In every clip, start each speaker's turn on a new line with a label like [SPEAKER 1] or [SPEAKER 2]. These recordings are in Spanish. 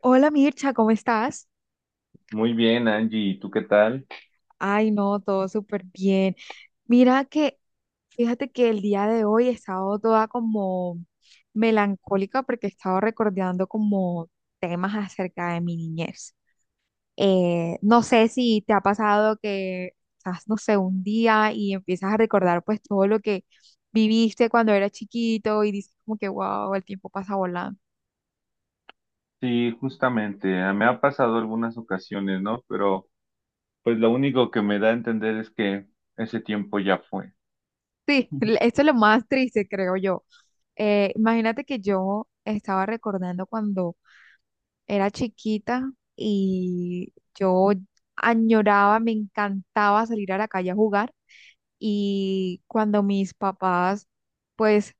[SPEAKER 1] Hola Mircha, ¿cómo estás?
[SPEAKER 2] Muy bien, Angie, ¿y tú qué tal?
[SPEAKER 1] Ay, no, todo súper bien. Mira que, fíjate que el día de hoy he estado toda como melancólica porque he estado recordando como temas acerca de mi niñez. No sé si te ha pasado que estás, no sé, un día y empiezas a recordar pues todo lo que viviste cuando eras chiquito y dices como que, wow, el tiempo pasa volando.
[SPEAKER 2] Sí, justamente, me ha pasado algunas ocasiones, ¿no? Pero pues lo único que me da a entender es que ese tiempo ya fue.
[SPEAKER 1] Sí, esto es lo más triste, creo yo. Imagínate que yo estaba recordando cuando era chiquita y yo añoraba, me encantaba salir a la calle a jugar y cuando mis papás pues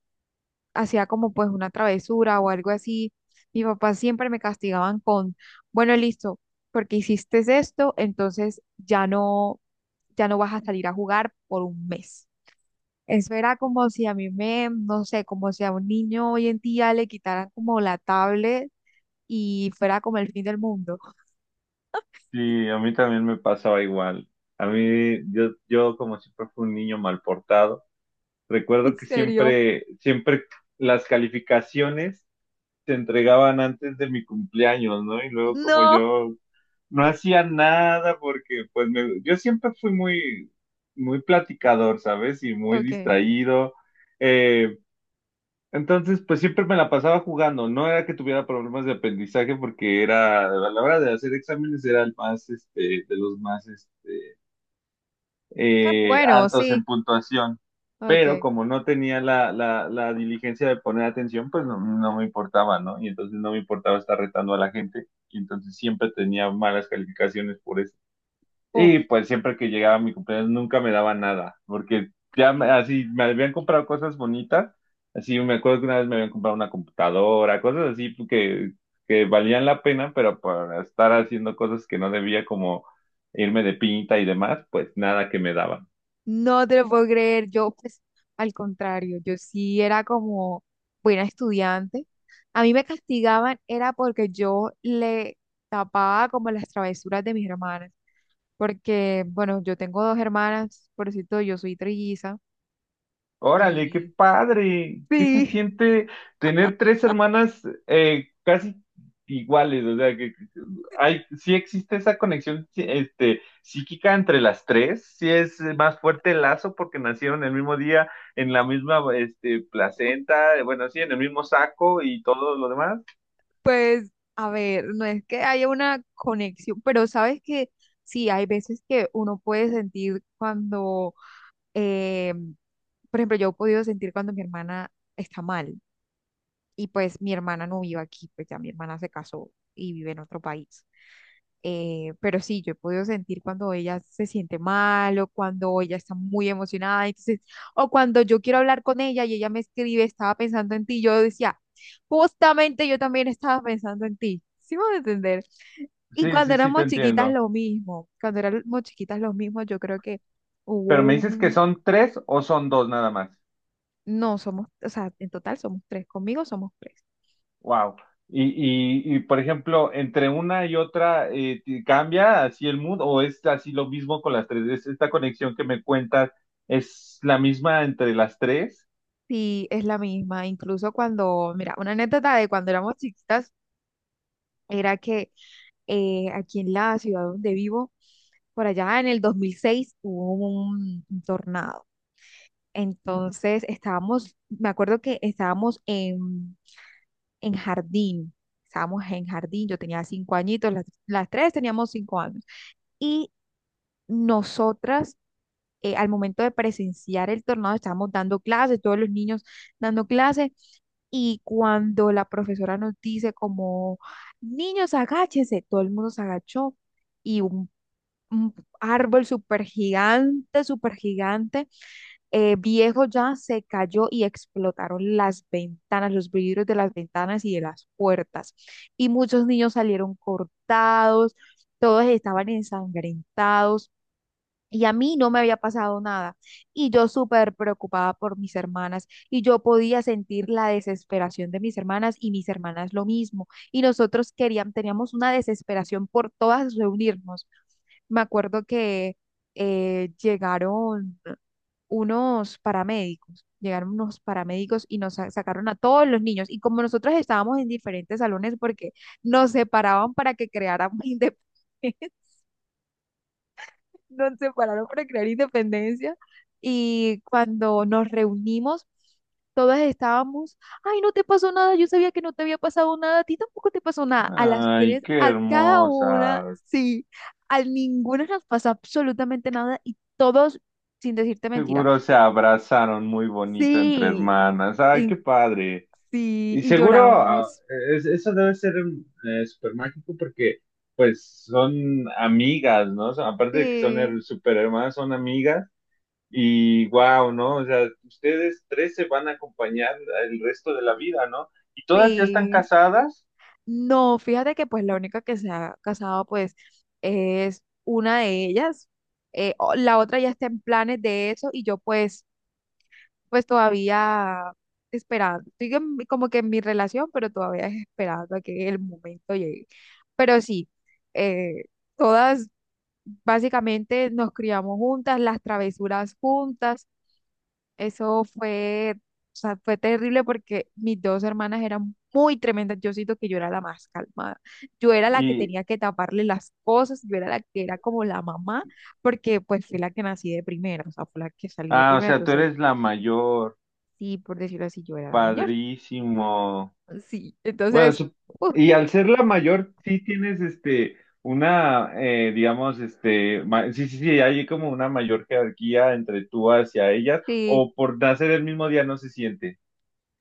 [SPEAKER 1] hacía como pues una travesura o algo así, mis papás siempre me castigaban con, bueno, listo, porque hiciste esto, entonces ya no vas a salir a jugar por un mes. Eso era como si a mí me, no sé, como si a un niño hoy en día le quitaran como la tablet y fuera como el fin del mundo.
[SPEAKER 2] Sí, a mí también me pasaba igual. A mí, yo como siempre fui un niño mal portado, recuerdo
[SPEAKER 1] ¿En
[SPEAKER 2] que
[SPEAKER 1] serio?
[SPEAKER 2] siempre las calificaciones se entregaban antes de mi cumpleaños, ¿no? Y luego como
[SPEAKER 1] No.
[SPEAKER 2] yo no hacía nada porque yo siempre fui muy platicador, ¿sabes? Y muy
[SPEAKER 1] Ok.
[SPEAKER 2] distraído. Eh, entonces, pues siempre me la pasaba jugando. No era que tuviera problemas de aprendizaje porque era, a la hora de hacer exámenes era el más, este, de los más, este,
[SPEAKER 1] Ah, bueno,
[SPEAKER 2] altos en
[SPEAKER 1] sí.
[SPEAKER 2] puntuación. Pero
[SPEAKER 1] Ok.
[SPEAKER 2] como no tenía la diligencia de poner atención, pues no, no me importaba, ¿no? Y entonces no me importaba estar retando a la gente. Y entonces siempre tenía malas calificaciones por eso.
[SPEAKER 1] Uf,
[SPEAKER 2] Y pues siempre que llegaba mi cumpleaños nunca me daba nada, porque así me habían comprado cosas bonitas, así me acuerdo que una vez me habían comprado una computadora, cosas así que valían la pena, pero por estar haciendo cosas que no debía como irme de pinta y demás, pues nada que me daba.
[SPEAKER 1] no te lo puedo creer. Yo, pues, al contrario, yo sí era como buena estudiante. A mí me castigaban era porque yo le tapaba como las travesuras de mis hermanas. Porque, bueno, yo tengo dos hermanas, por cierto, yo soy trilliza.
[SPEAKER 2] Órale, qué
[SPEAKER 1] Y
[SPEAKER 2] padre. ¿Qué se
[SPEAKER 1] sí,
[SPEAKER 2] siente tener tres hermanas casi iguales? O sea, que hay, sí existe esa conexión sí, este, psíquica entre las tres. Sí es más fuerte el lazo porque nacieron el mismo día en la misma este, placenta, bueno, sí, en el mismo saco y todo lo demás.
[SPEAKER 1] pues a ver, no es que haya una conexión, pero sabes que sí, hay veces que uno puede sentir cuando, eh, por ejemplo, yo he podido sentir cuando mi hermana está mal y pues mi hermana no vive aquí, pues ya mi hermana se casó y vive en otro país. Pero sí, yo he podido sentir cuando ella se siente mal o cuando ella está muy emocionada, entonces, o cuando yo quiero hablar con ella y ella me escribe, estaba pensando en ti, yo decía, justamente yo también estaba pensando en ti, ¿sí me voy a entender? Y
[SPEAKER 2] Sí,
[SPEAKER 1] cuando
[SPEAKER 2] sí, sí, te
[SPEAKER 1] éramos chiquitas
[SPEAKER 2] entiendo.
[SPEAKER 1] lo mismo, cuando éramos chiquitas lo mismo, yo creo que hubo
[SPEAKER 2] Pero me dices que
[SPEAKER 1] un,
[SPEAKER 2] son tres o son dos nada más.
[SPEAKER 1] no, somos, o sea, en total somos tres, conmigo somos tres.
[SPEAKER 2] Wow. Y por ejemplo, entre una y otra, ¿te ¿cambia así el mood o es así lo mismo con las tres? ¿Es esta conexión que me cuentas es la misma entre las tres?
[SPEAKER 1] Sí, es la misma, incluso cuando, mira, una anécdota de cuando éramos chiquitas era que aquí en la ciudad donde vivo, por allá en el 2006 hubo un tornado. Entonces estábamos, me acuerdo que en jardín, estábamos en jardín, yo tenía 5 añitos, las tres teníamos 5 años. Y nosotras, al momento de presenciar el tornado, estábamos dando clases, todos los niños dando clases, y cuando la profesora nos dice como, niños, agáchense, todo el mundo se agachó. Y un árbol súper gigante, viejo ya, se cayó y explotaron las ventanas, los vidrios de las ventanas y de las puertas. Y muchos niños salieron cortados, todos estaban ensangrentados. Y a mí no me había pasado nada. Y yo súper preocupada por mis hermanas. Y yo podía sentir la desesperación de mis hermanas y mis hermanas lo mismo. Y nosotros queríamos, teníamos una desesperación por todas reunirnos. Me acuerdo que eh, llegaron llegaron unos paramédicos y nos sacaron a todos los niños. Y como nosotros estábamos en diferentes salones porque nos separaban para que creáramos independencia nos separaron para no crear independencia y cuando nos reunimos, todas estábamos, ay, no te pasó nada, yo sabía que no te había pasado nada, a ti tampoco te pasó nada. A las
[SPEAKER 2] Ay,
[SPEAKER 1] tres,
[SPEAKER 2] qué
[SPEAKER 1] a cada una,
[SPEAKER 2] hermosa.
[SPEAKER 1] sí, a ninguna nos pasó absolutamente nada y todos, sin decirte mentira,
[SPEAKER 2] Seguro se abrazaron muy bonito entre
[SPEAKER 1] sí,
[SPEAKER 2] hermanas. Ay, qué
[SPEAKER 1] y,
[SPEAKER 2] padre.
[SPEAKER 1] sí,
[SPEAKER 2] Y
[SPEAKER 1] y
[SPEAKER 2] seguro, ah,
[SPEAKER 1] lloramos,
[SPEAKER 2] eso debe ser súper mágico porque pues son amigas, ¿no? O sea, aparte de que
[SPEAKER 1] sí,
[SPEAKER 2] súper hermanas, son amigas. Y wow, ¿no? O sea, ustedes tres se van a acompañar el resto de la vida, ¿no? Y todas ya están
[SPEAKER 1] sí.
[SPEAKER 2] casadas
[SPEAKER 1] No, fíjate que pues la única que se ha casado pues es una de ellas. La otra ya está en planes de eso y yo pues pues todavía esperando. Como que en mi relación, pero todavía es esperando a que el momento llegue. Pero sí, eh, todas básicamente nos criamos juntas, las travesuras juntas, eso fue, o sea, fue terrible porque mis dos hermanas eran muy tremendas. Yo siento que yo era la más calmada. Yo era la que
[SPEAKER 2] y,
[SPEAKER 1] tenía que taparle las cosas, yo era la que era como la mamá, porque pues fui la que nací de primera, o sea, fue la que salí de
[SPEAKER 2] ah, o
[SPEAKER 1] primera.
[SPEAKER 2] sea, tú
[SPEAKER 1] Entonces,
[SPEAKER 2] eres la mayor,
[SPEAKER 1] sí, por decirlo así, yo era la mayor.
[SPEAKER 2] padrísimo.
[SPEAKER 1] Sí,
[SPEAKER 2] Bueno,
[SPEAKER 1] entonces,
[SPEAKER 2] sup-
[SPEAKER 1] uf,
[SPEAKER 2] y al ser la mayor, sí tienes este, una, digamos, este, sí, sí, sí, hay como una mayor jerarquía entre tú hacia ellas,
[SPEAKER 1] sí.
[SPEAKER 2] o por nacer el mismo día no se siente.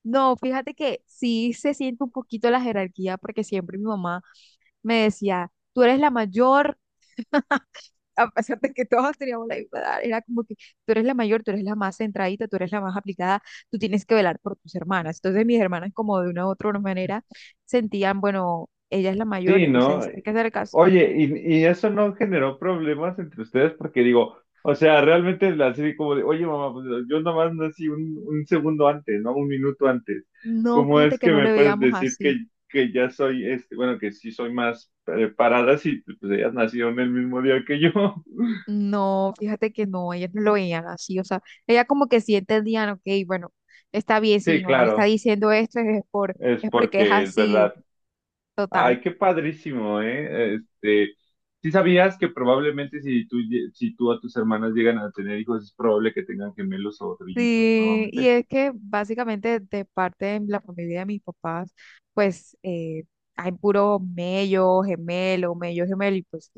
[SPEAKER 1] No, fíjate que sí se siente un poquito la jerarquía porque siempre mi mamá me decía, tú eres la mayor, a pesar de que todos teníamos la misma edad, era como que tú eres la mayor, tú eres la más centradita, tú eres la más aplicada, tú tienes que velar por tus hermanas. Entonces mis hermanas como de una u otra manera sentían, bueno, ella es la mayor,
[SPEAKER 2] Sí, ¿no?
[SPEAKER 1] entonces hay que hacer caso.
[SPEAKER 2] Oye, y eso no generó problemas entre ustedes porque digo, o sea, realmente la serie como de, oye mamá, pues yo nomás nací un segundo antes, ¿no? Un minuto antes.
[SPEAKER 1] No,
[SPEAKER 2] ¿Cómo
[SPEAKER 1] fíjate
[SPEAKER 2] es
[SPEAKER 1] que
[SPEAKER 2] que
[SPEAKER 1] no
[SPEAKER 2] me
[SPEAKER 1] le
[SPEAKER 2] puedes
[SPEAKER 1] veíamos
[SPEAKER 2] decir
[SPEAKER 1] así.
[SPEAKER 2] que ya soy este, bueno, que sí soy más preparada si pues ellas nacieron el mismo día que yo?
[SPEAKER 1] No, fíjate que no, ellas no lo veían así. O sea, ella como que sí entendían, ok, bueno, está bien, si
[SPEAKER 2] Sí,
[SPEAKER 1] mi mamá está
[SPEAKER 2] claro,
[SPEAKER 1] diciendo esto es por,
[SPEAKER 2] es
[SPEAKER 1] es porque es
[SPEAKER 2] porque es
[SPEAKER 1] así,
[SPEAKER 2] verdad.
[SPEAKER 1] total.
[SPEAKER 2] Ay, qué padrísimo, ¿eh? Este, ¿sí sabías que probablemente si si tú a tus hermanas llegan a tener hijos, es probable que tengan gemelos o trillizos
[SPEAKER 1] Sí,
[SPEAKER 2] nuevamente?
[SPEAKER 1] y es que básicamente de parte de la familia de mis papás, pues hay puro mello, gemelo, y pues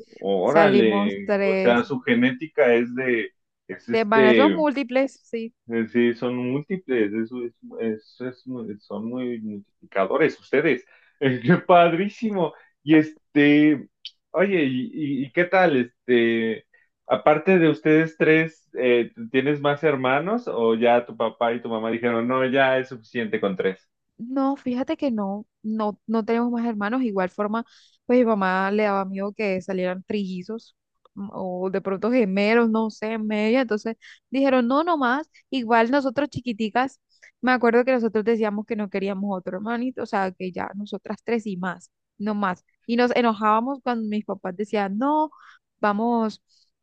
[SPEAKER 1] salimos
[SPEAKER 2] Órale, o sea,
[SPEAKER 1] tres
[SPEAKER 2] su genética es de, es
[SPEAKER 1] de embarazos
[SPEAKER 2] este,
[SPEAKER 1] múltiples, sí.
[SPEAKER 2] sí, son múltiples, eso es, son muy multiplicadores ustedes. Qué padrísimo. Y este, oye, ¿y qué tal? Este, aparte de ustedes tres, ¿tienes más hermanos o ya tu papá y tu mamá dijeron, no, ya es suficiente con tres?
[SPEAKER 1] No, fíjate que no, no tenemos más hermanos. Igual forma, pues mi mamá le daba miedo que salieran trillizos o de pronto gemelos, no sé, en medio. Entonces dijeron, no, no más. Igual nosotros chiquiticas, me acuerdo que nosotros decíamos que no queríamos otro hermanito, o sea, que ya nosotras tres y más, no más. Y nos enojábamos cuando mis papás decían, no, vamos,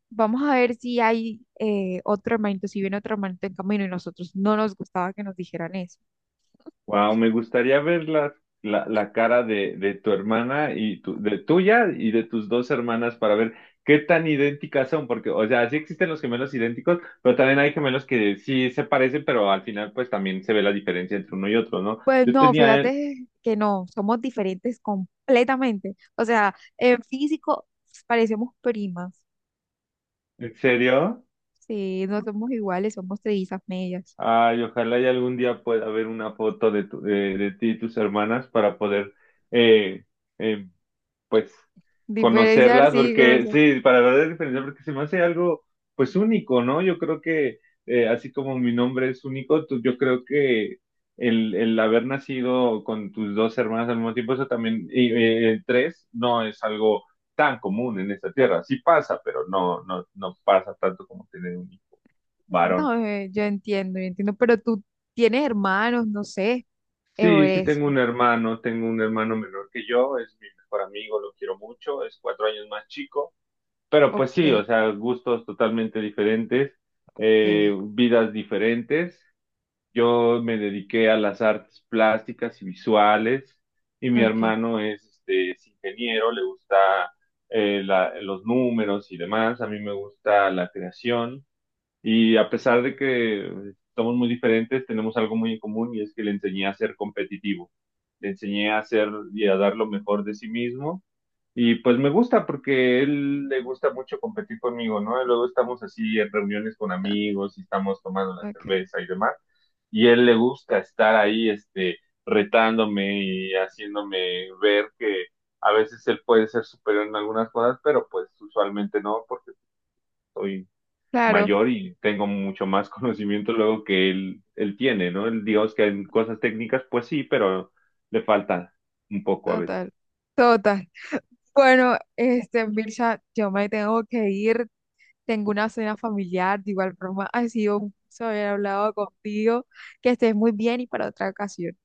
[SPEAKER 1] vamos a ver si hay otro hermanito, si viene otro hermanito en camino. Y nosotros no nos gustaba que nos dijeran eso.
[SPEAKER 2] Wow, me gustaría ver la cara de tu hermana y tu, de tuya y de tus dos hermanas para ver qué tan idénticas son, porque, o sea, sí existen los gemelos idénticos, pero también hay gemelos que sí se parecen, pero al final pues también se ve la diferencia entre uno y otro, ¿no?
[SPEAKER 1] Pues
[SPEAKER 2] Yo
[SPEAKER 1] no,
[SPEAKER 2] tenía,
[SPEAKER 1] fíjate que no, somos diferentes completamente. O sea, en físico parecemos primas.
[SPEAKER 2] ¿En serio?
[SPEAKER 1] Sí, no somos iguales, somos trillizas medias.
[SPEAKER 2] Ay, ojalá y algún día pueda ver una foto de, de ti y tus hermanas para poder eh, eh, pues,
[SPEAKER 1] Diferenciar,
[SPEAKER 2] conocerlas,
[SPEAKER 1] sí,
[SPEAKER 2] porque
[SPEAKER 1] conocer.
[SPEAKER 2] sí, para ver la diferencia, porque se me hace algo, pues, único, ¿no? Yo creo que, así como mi nombre es único, yo creo que el haber nacido con tus dos hermanas al mismo tiempo, eso también, y, tres, no es algo tan común en esta tierra. Sí pasa, pero no, no, no pasa tanto como tener un hijo varón.
[SPEAKER 1] No, yo entiendo, yo entiendo. Pero tú tienes hermanos, no sé, o
[SPEAKER 2] Sí, sí
[SPEAKER 1] eres.
[SPEAKER 2] tengo un hermano menor que yo, es mi mejor amigo, lo quiero mucho, es cuatro años más chico. Pero pues sí,
[SPEAKER 1] Ok,
[SPEAKER 2] o sea, gustos totalmente diferentes,
[SPEAKER 1] ok,
[SPEAKER 2] vidas diferentes. Yo me dediqué a las artes plásticas y visuales y mi
[SPEAKER 1] ok,
[SPEAKER 2] hermano es, este, es ingeniero, le gusta los números y demás. A mí me gusta la creación y a pesar de que somos muy diferentes, tenemos algo muy en común y es que le enseñé a ser competitivo. Le enseñé a ser y a dar lo mejor de sí mismo y pues me gusta porque él le gusta mucho competir conmigo, ¿no? Y luego estamos así en reuniones con amigos y estamos tomando la
[SPEAKER 1] ok.
[SPEAKER 2] cerveza y demás. Y él le gusta estar ahí, este, retándome y haciéndome ver que a veces él puede ser superior en algunas cosas, pero pues usualmente no, porque soy
[SPEAKER 1] Claro,
[SPEAKER 2] mayor y tengo mucho más conocimiento luego que él tiene, ¿no? Él, digamos que en cosas técnicas, pues sí, pero le falta un poco a veces.
[SPEAKER 1] total. Total. Bueno, este, Mirza, yo me tengo que ir. Tengo una cena familiar, de igual forma ha sido un gusto haber hablado contigo. Que estés muy bien y para otra ocasión.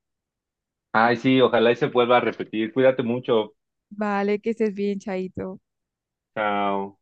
[SPEAKER 2] Ay, sí, ojalá y se vuelva a repetir. Cuídate mucho.
[SPEAKER 1] Vale, que estés bien, Chaito.
[SPEAKER 2] Chao.